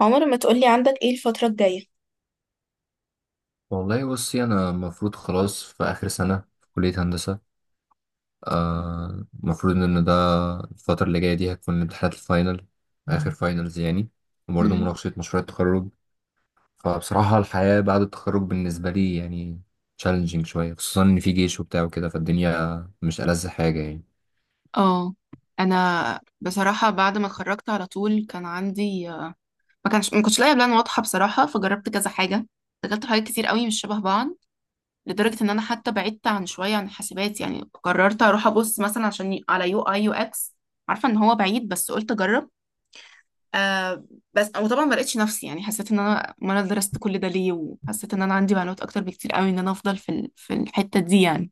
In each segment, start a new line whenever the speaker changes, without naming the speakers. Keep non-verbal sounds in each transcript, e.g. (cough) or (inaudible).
عمر ما تقولي عندك ايه الفترة الجاية؟
والله بصي انا المفروض خلاص في اخر سنه في كليه هندسه. المفروض ان ده الفتره اللي جايه دي هتكون امتحانات الفاينل، اخر فاينلز يعني، وبرضه
مم.
مناقشه مشروع التخرج. فبصراحه الحياه بعد التخرج بالنسبه لي يعني تشالنجينج شويه، خصوصا ان في جيش وبتاع وكده، فالدنيا مش ألذ حاجه يعني.
اه، انا بصراحه بعد ما اتخرجت على طول كان عندي ما كنتش لاقيه بلان واضحه بصراحه، فجربت كذا حاجه. دخلت حاجات كتير قوي مش شبه بعض، لدرجه ان انا حتى بعدت عن شويه عن الحاسبات، يعني قررت اروح ابص مثلا عشان على UI/UX. عارفه ان هو بعيد بس قلت اجرب. آه. بس وطبعا ما لقيتش نفسي، يعني حسيت ان انا ما انا درست كل ده ليه، وحسيت ان انا عندي معلومات اكتر بكتير قوي ان انا افضل في في الحته دي، يعني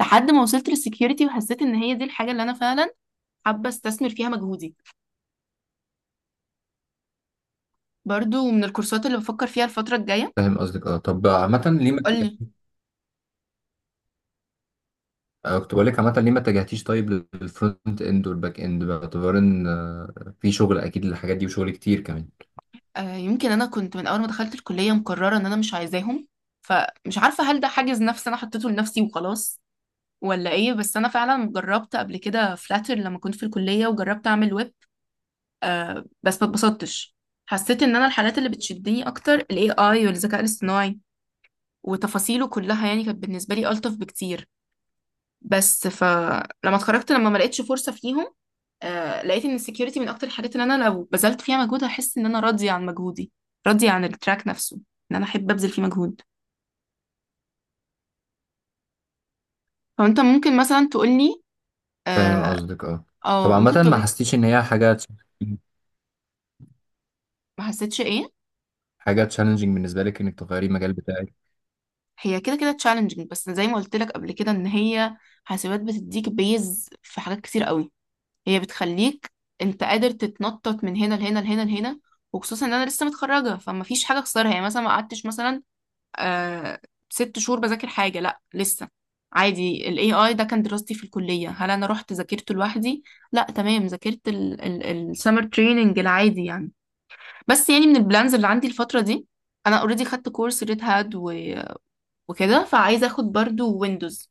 لحد ما وصلت للسكيورتي، وحسيت ان هي دي الحاجة اللي انا فعلا حابة استثمر فيها مجهودي. برضو من الكورسات اللي بفكر فيها الفترة الجاية.
فاهم قصدك، اه. طب عامه ليه ما
قولي.
اتجهتيش- كنت بقول لك، عامه ليه ما اتجهتيش طيب للفرونت اند والباك اند، باعتبار ان في شغل اكيد للحاجات دي وشغل كتير كمان.
آه، يمكن انا كنت من اول ما دخلت الكلية مقررة ان انا مش عايزاهم، فمش عارفة هل ده حاجز نفسي انا حطيته لنفسي وخلاص ولا ايه، بس انا فعلا جربت قبل كده فلاتر لما كنت في الكلية وجربت اعمل ويب. آه، بس ما اتبسطتش. حسيت ان انا الحاجات اللي بتشدني اكتر الاي اي والذكاء الاصطناعي وتفاصيله كلها، يعني كانت بالنسبة لي ألطف بكتير. بس فلما اتخرجت، لما ما لقيتش فرصة فيهم، آه لقيت ان السكيورتي من اكتر الحاجات اللي انا لو بذلت فيها مجهود هحس ان انا راضية عن مجهودي، راضية عن التراك نفسه، ان انا احب ابذل فيه مجهود. فانت ممكن مثلا تقولي
فاهم
اه،
قصدك، اه. طب
أو ممكن
عامة ما
تقول
حسيتيش ان هي حاجة
ما حسيتش ايه.
حاجة تشالنجينج بالنسبة لك انك تغيري المجال بتاعك؟
هي كده كده تشالنجينج، بس زي ما قلت لك قبل كده ان هي حاسبات بتديك بيز في حاجات كتير قوي. هي بتخليك انت قادر تتنطط من هنا لهنا لهنا لهنا. وخصوصا ان انا لسه متخرجه فما فيش حاجه اخسرها، يعني مثلا ما قعدتش مثلا آه 6 شهور بذاكر حاجة. لا لسه، عادي ال AI ده كان دراستي في الكلية. هل أنا رحت ذاكرته لوحدي؟ لا تمام، ذاكرت ال summer training العادي، يعني. بس يعني من البلانز اللي عندي الفترة دي، أنا already خدت كورس ريد هات وكده، فعايزة أخد برضو ويندوز.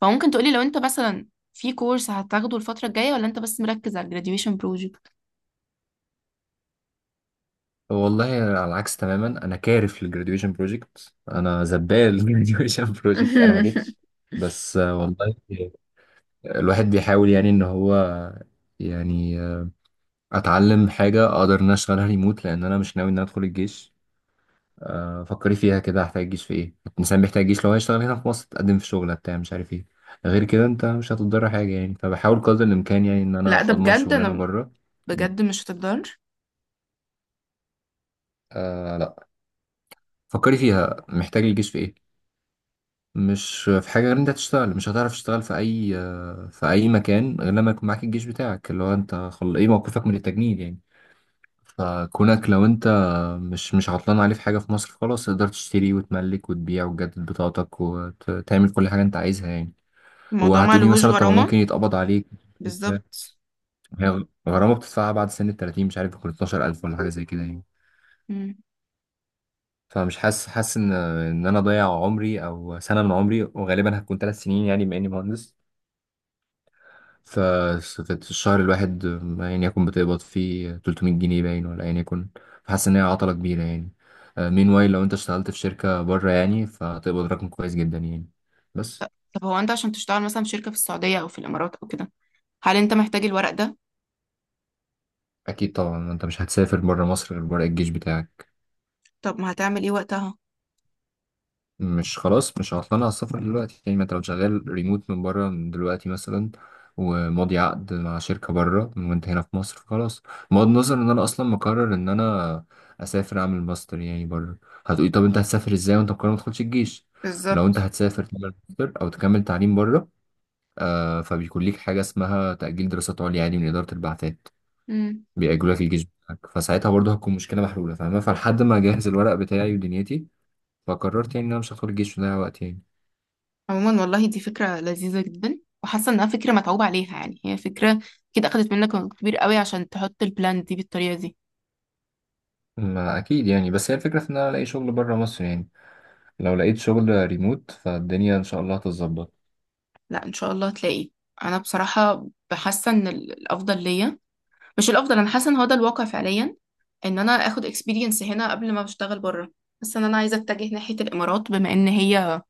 فممكن تقولي لو أنت مثلا في كورس هتاخده الفترة الجاية، ولا أنت بس مركز على ال graduation project؟
والله على العكس تماما، انا كارف للجراديويشن بروجكت، انا زبال الجراديويشن بروجكت، انا ما جيتش.
(laughs)
بس والله الواحد بيحاول يعني ان هو يعني اتعلم حاجة اقدر ان أنا اشتغلها ريموت، لان انا مش ناوي ان انا ادخل الجيش. فكري فيها كده، هحتاج الجيش في ايه؟ الانسان بيحتاج الجيش لو هيشتغل هنا في مصر، تقدم في شغله بتاع مش عارف ايه. غير كده انت مش هتضر حاجه يعني، فبحاول قدر الامكان يعني ان انا
لا، ده
اضمن
بجد
شغلانه
أنا
بره.
بجد مش هتقدر.
آه، لا، فكري فيها، محتاج الجيش في ايه؟ مش في حاجه غير إن انت تشتغل. مش هتعرف تشتغل في اي في اي مكان غير لما يكون معاك الجيش بتاعك، اللي هو انت ايه موقفك من التجنيد يعني. فكونك لو انت مش عطلان عليه في حاجه في مصر، خلاص، تقدر تشتري وتملك وتبيع وتجدد بطاقتك وتعمل كل حاجه انت عايزها يعني.
الموضوع ما
وهتقولي
لهوش
مثلا، طب
غرامة.
ممكن يتقبض عليك.
بالظبط.
هي غرامة بتدفعها بعد سن ال 30، مش عارف يكون 12,000 ولا حاجة زي كده يعني. فمش حاسس ان انا ضيع عمري او سنة من عمري، وغالبا هتكون 3 سنين يعني بما اني مهندس. ف- في الشهر الواحد يعني، يكون بتقبض فيه 300 جنيه باين، ولا يعني يكون. فحاسس ان هي عطلة كبيرة يعني. مين واي، لو انت اشتغلت في شركة بره يعني فتقبض رقم كويس جدا يعني. بس.
طب هو انت عشان تشتغل مثلا في شركة في السعودية او في الامارات او كده، هل انت محتاج الورق ده؟
اكيد طبعا، انت مش هتسافر بره مصر غير بره الجيش بتاعك.
طب ما هتعمل ايه وقتها؟
مش خلاص، مش هطلع على السفر دلوقتي يعني. ما انت لو شغال ريموت من بره من دلوقتي مثلا، وماضي عقد مع شركة بره، وانت هنا في مصر، خلاص. بغض النظر ان انا اصلا مقرر ان انا اسافر اعمل ماستر يعني بره. هتقولي، طب انت هتسافر ازاي وانت مقرر ما تدخلش الجيش؟ لو انت
بالظبط.
هتسافر تعمل ماستر او تكمل تعليم بره، آه، فبيكون ليك حاجة اسمها تأجيل دراسات عليا، عادي، من إدارة البعثات.
امم.
بيأجلوا لك الجيش بتاعك، فساعتها برضه هتكون مشكلة محلولة، فاهمة؟ فلحد ما اجهز الورق بتاعي ودنيتي، فقررت يعني ان انا مش هدخل الجيش وده وقت يعني.
عموما والله دي فكرة لذيذة جدا، وحاسة انها فكرة متعوب عليها، يعني هي فكرة كده اخدت منك وقت كبير قوي عشان تحط البلان دي بالطريقة دي.
ما اكيد يعني. بس هي الفكره في ان انا الاقي شغل بره مصر يعني. لو لقيت شغل ريموت، فالدنيا ان شاء الله هتتظبط.
لا، ان شاء الله هتلاقي. انا بصراحة بحاسة ان الافضل ليا، مش الافضل، انا حاسة ان هو ده الواقع فعليا، ان انا اخد اكسبيرينس هنا قبل ما بشتغل بره. حاسة ان انا عايزة اتجه ناحية الامارات، بما ان هي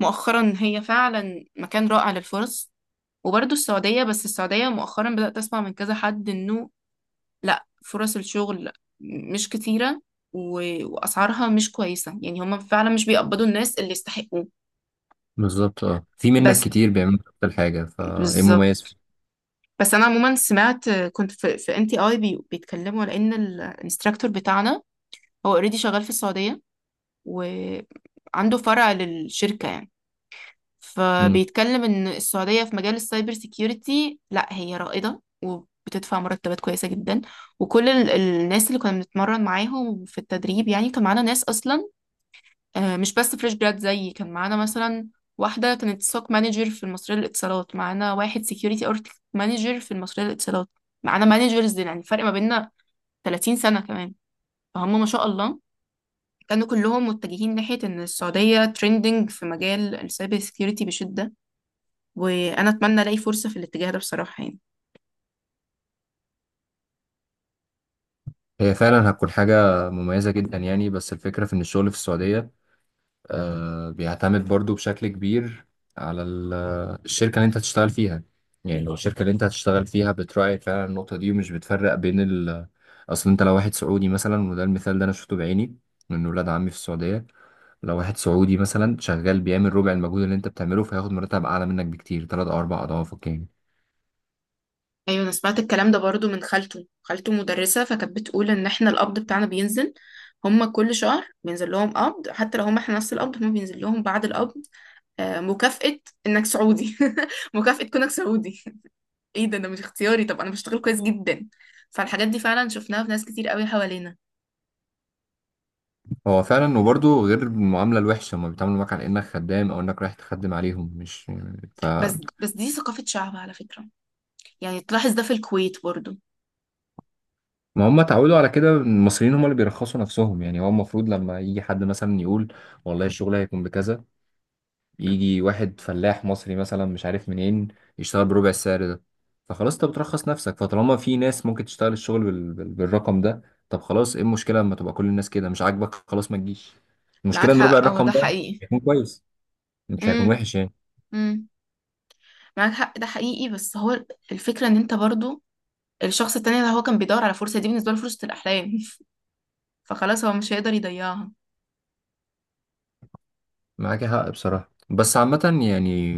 مؤخرا هي فعلا مكان رائع للفرص. وبرضه السعودية، بس السعودية مؤخرا بدأت أسمع من كذا حد إنه لأ، فرص الشغل مش كتيرة، وأسعارها مش كويسة، يعني هما فعلا مش بيقبضوا الناس اللي يستحقوه.
بالظبط، اه. في منك
بس.
كتير بيعملوا نفس الحاجة، فايه المميز
بالظبط.
فيه؟
بس أنا عموما سمعت، كنت في NTI بيتكلموا على إن الانستراكتور بتاعنا هو اوريدي شغال في السعودية، وعنده فرع للشركة، يعني.
مم.
فبيتكلم ان السعودية في مجال السايبر سيكيورتي لا هي رائدة، وبتدفع مرتبات كويسة جدا. وكل الناس اللي كنا بنتمرن معاهم في التدريب، يعني كان معانا ناس اصلا، مش بس فريش جراد زيي. كان معانا مثلا واحدة كانت سوك مانجر في المصرية للاتصالات، معانا واحد سيكيورتي اركتكت مانجر في المصرية للاتصالات، معانا مانجرز يعني فرق ما بيننا 30 سنة كمان. فهم ما شاء الله كانوا كلهم متجهين ناحية ان السعودية ترندنج في مجال السايبر سيكيورتي بشدة. وانا اتمنى الاقي فرصة في الاتجاه ده بصراحة، يعني.
هي فعلا هتكون حاجة مميزة جدا يعني، بس الفكرة في ان الشغل في السعودية آه بيعتمد برضو بشكل كبير على الشركة اللي انت هتشتغل فيها. يعني لو الشركة اللي انت هتشتغل فيها بتراعي فعلا النقطة دي، ومش بتفرق بين ال اصل، انت لو واحد سعودي مثلا، وده المثال ده انا شفته بعيني من ولاد عمي في السعودية، لو واحد سعودي مثلا شغال بيعمل ربع المجهود اللي انت بتعمله، فهياخد مرتب اعلى منك بكتير، تلات او اربع اضعافك يعني.
ايوه، انا سمعت الكلام ده برضو من خالته، خالته مدرسة فكانت بتقول ان احنا القبض بتاعنا بينزل. هما كل شهر بينزل لهم قبض، حتى لو هما احنا نفس القبض هما بينزل لهم بعد القبض مكافأة انك سعودي. (laughs) مكافأة كونك سعودي. (laughs) ايه ده؟ ده مش اختياري؟ طب انا بشتغل كويس جدا. فالحاجات دي فعلا شفناها في ناس كتير قوي حوالينا.
هو فعلا، وبرضه غير المعامله الوحشه، هم بيتعاملوا معاك على انك خدام او انك رايح تخدم عليهم، مش. ف
بس بس، دي ثقافة شعب على فكرة، يعني تلاحظ ده في الكويت برضو.
ما هم اتعودوا على كده، المصريين هم اللي بيرخصوا نفسهم يعني. هو المفروض لما يجي حد مثلا يقول، والله الشغل هيكون بكذا، يجي واحد فلاح مصري مثلا مش عارف منين يشتغل بربع السعر ده. فخلاص انت بترخص نفسك. فطالما في ناس ممكن تشتغل الشغل بالرقم ده، طب خلاص، ايه المشكلة لما تبقى كل الناس كده؟ مش عاجبك، خلاص، ما تجيش.
معاك
المشكلة ان ربع
حق، هو
الرقم
ده
ده
حقيقي.
هيكون كويس، مش هيكون
امم.
وحش يعني.
امم. معاك حق، ده حقيقي، بس هو الفكرة ان انت برضو الشخص التاني ده هو كان بيدور على فرصة، دي بالنسبة له فرصة الأحلام. (laughs) فخلاص هو مش هيقدر يضيعها.
معاك حق بصراحة، بس عامة يعني،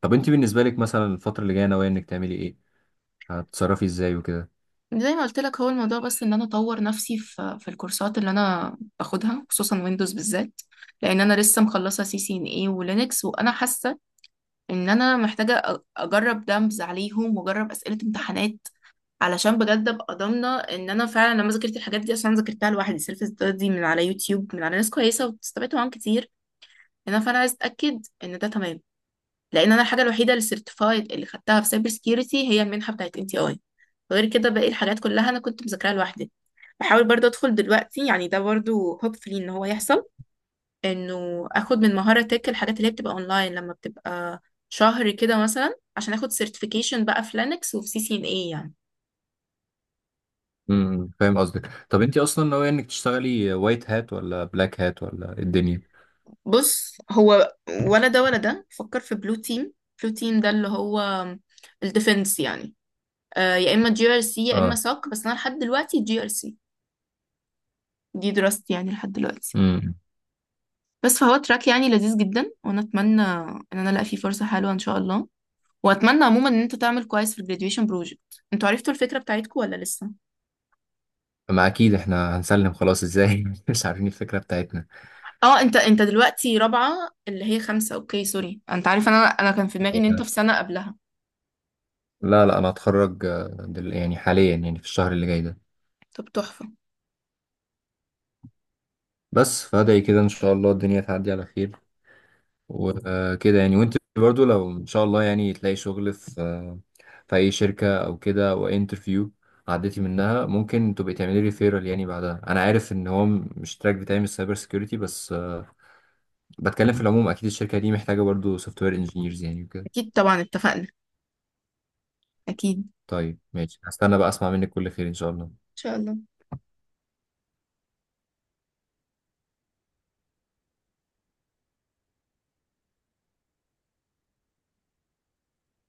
طب انت بالنسبة لك مثلا الفترة اللي جاية ناوية انك تعملي ايه؟ هتتصرفي ازاي وكده؟
زي ما قلت لك، هو الموضوع بس ان انا اطور نفسي في الكورسات اللي انا باخدها، خصوصا ويندوز بالذات. لان انا لسه مخلصه CCNA ولينكس، وانا حاسه ان انا محتاجه اجرب دمز عليهم واجرب اسئله امتحانات، علشان بجد ابقى ضامنه ان انا فعلا لما ذاكرت الحاجات دي، عشان ذاكرتها لوحدي سيلف ستادي من على يوتيوب من على ناس كويسه، واستفدت معاهم كتير هنا. فانا عايز اتاكد ان ده تمام. لان انا الحاجه الوحيده اللي سيرتيفايد اللي خدتها في سايبر سكيورتي هي المنحه بتاعت NTI. غير كده باقي الحاجات كلها انا كنت مذاكراها لوحدي. بحاول برضو ادخل دلوقتي، يعني ده برضو هوبفلي ان هو يحصل، انه اخد من مهاره تك الحاجات اللي هي بتبقى اونلاين لما بتبقى شهر كده مثلا، عشان اخد سيرتيفيكيشن بقى في لينكس وفي سي سي ان اي، يعني.
فاهم قصدك. طب انت اصلا ناوية انك تشتغلي وايت هات ولا بلاك هات ولا إيه الدنيا؟
بص هو، ولا ده ولا ده، فكر في بلو تيم. بلو تيم ده اللي هو الديفنس، يعني. آه، يا اما GRC يا اما
اه.
ساك، بس انا لحد دلوقتي جي ار سي دي دراستي، يعني لحد دلوقتي.
امم
بس فهو تراك يعني لذيذ جدا، وانا اتمنى ان انا الاقي فيه فرصه حلوه ان شاء الله. واتمنى عموما ان انت تعمل كويس في الجراديويشن بروجكت، انتوا عرفتوا الفكره بتاعتكم ولا لسه؟
ما اكيد احنا هنسلم خلاص ازاي (laughs) مش عارفين الفكره بتاعتنا.
اه، انت دلوقتي رابعه اللي هي خمسه، اوكي سوري، انت عارف، انا كان في دماغي ان انت في سنه قبلها.
لا لا، انا هتخرج يعني حاليا يعني في الشهر اللي جاي ده.
طب تحفه.
بس فادعي كده ان شاء الله الدنيا تعدي على خير وكده يعني. وانت برضو لو ان شاء الله يعني تلاقي شغل في في اي شركه او كده، او انترفيو عديتي منها، ممكن تبقي تعملي ريفيرال يعني بعدها. انا عارف ان هو مش تراك بتاعي من السايبر سيكيورتي، بس بتكلم في العموم. اكيد الشركه دي محتاجه برضو سوفت وير انجينيرز يعني وكده.
اكيد طبعا، اتفقنا. اكيد ان
طيب ماشي، هستنى بقى اسمع منك كل خير ان شاء الله.
شاء الله.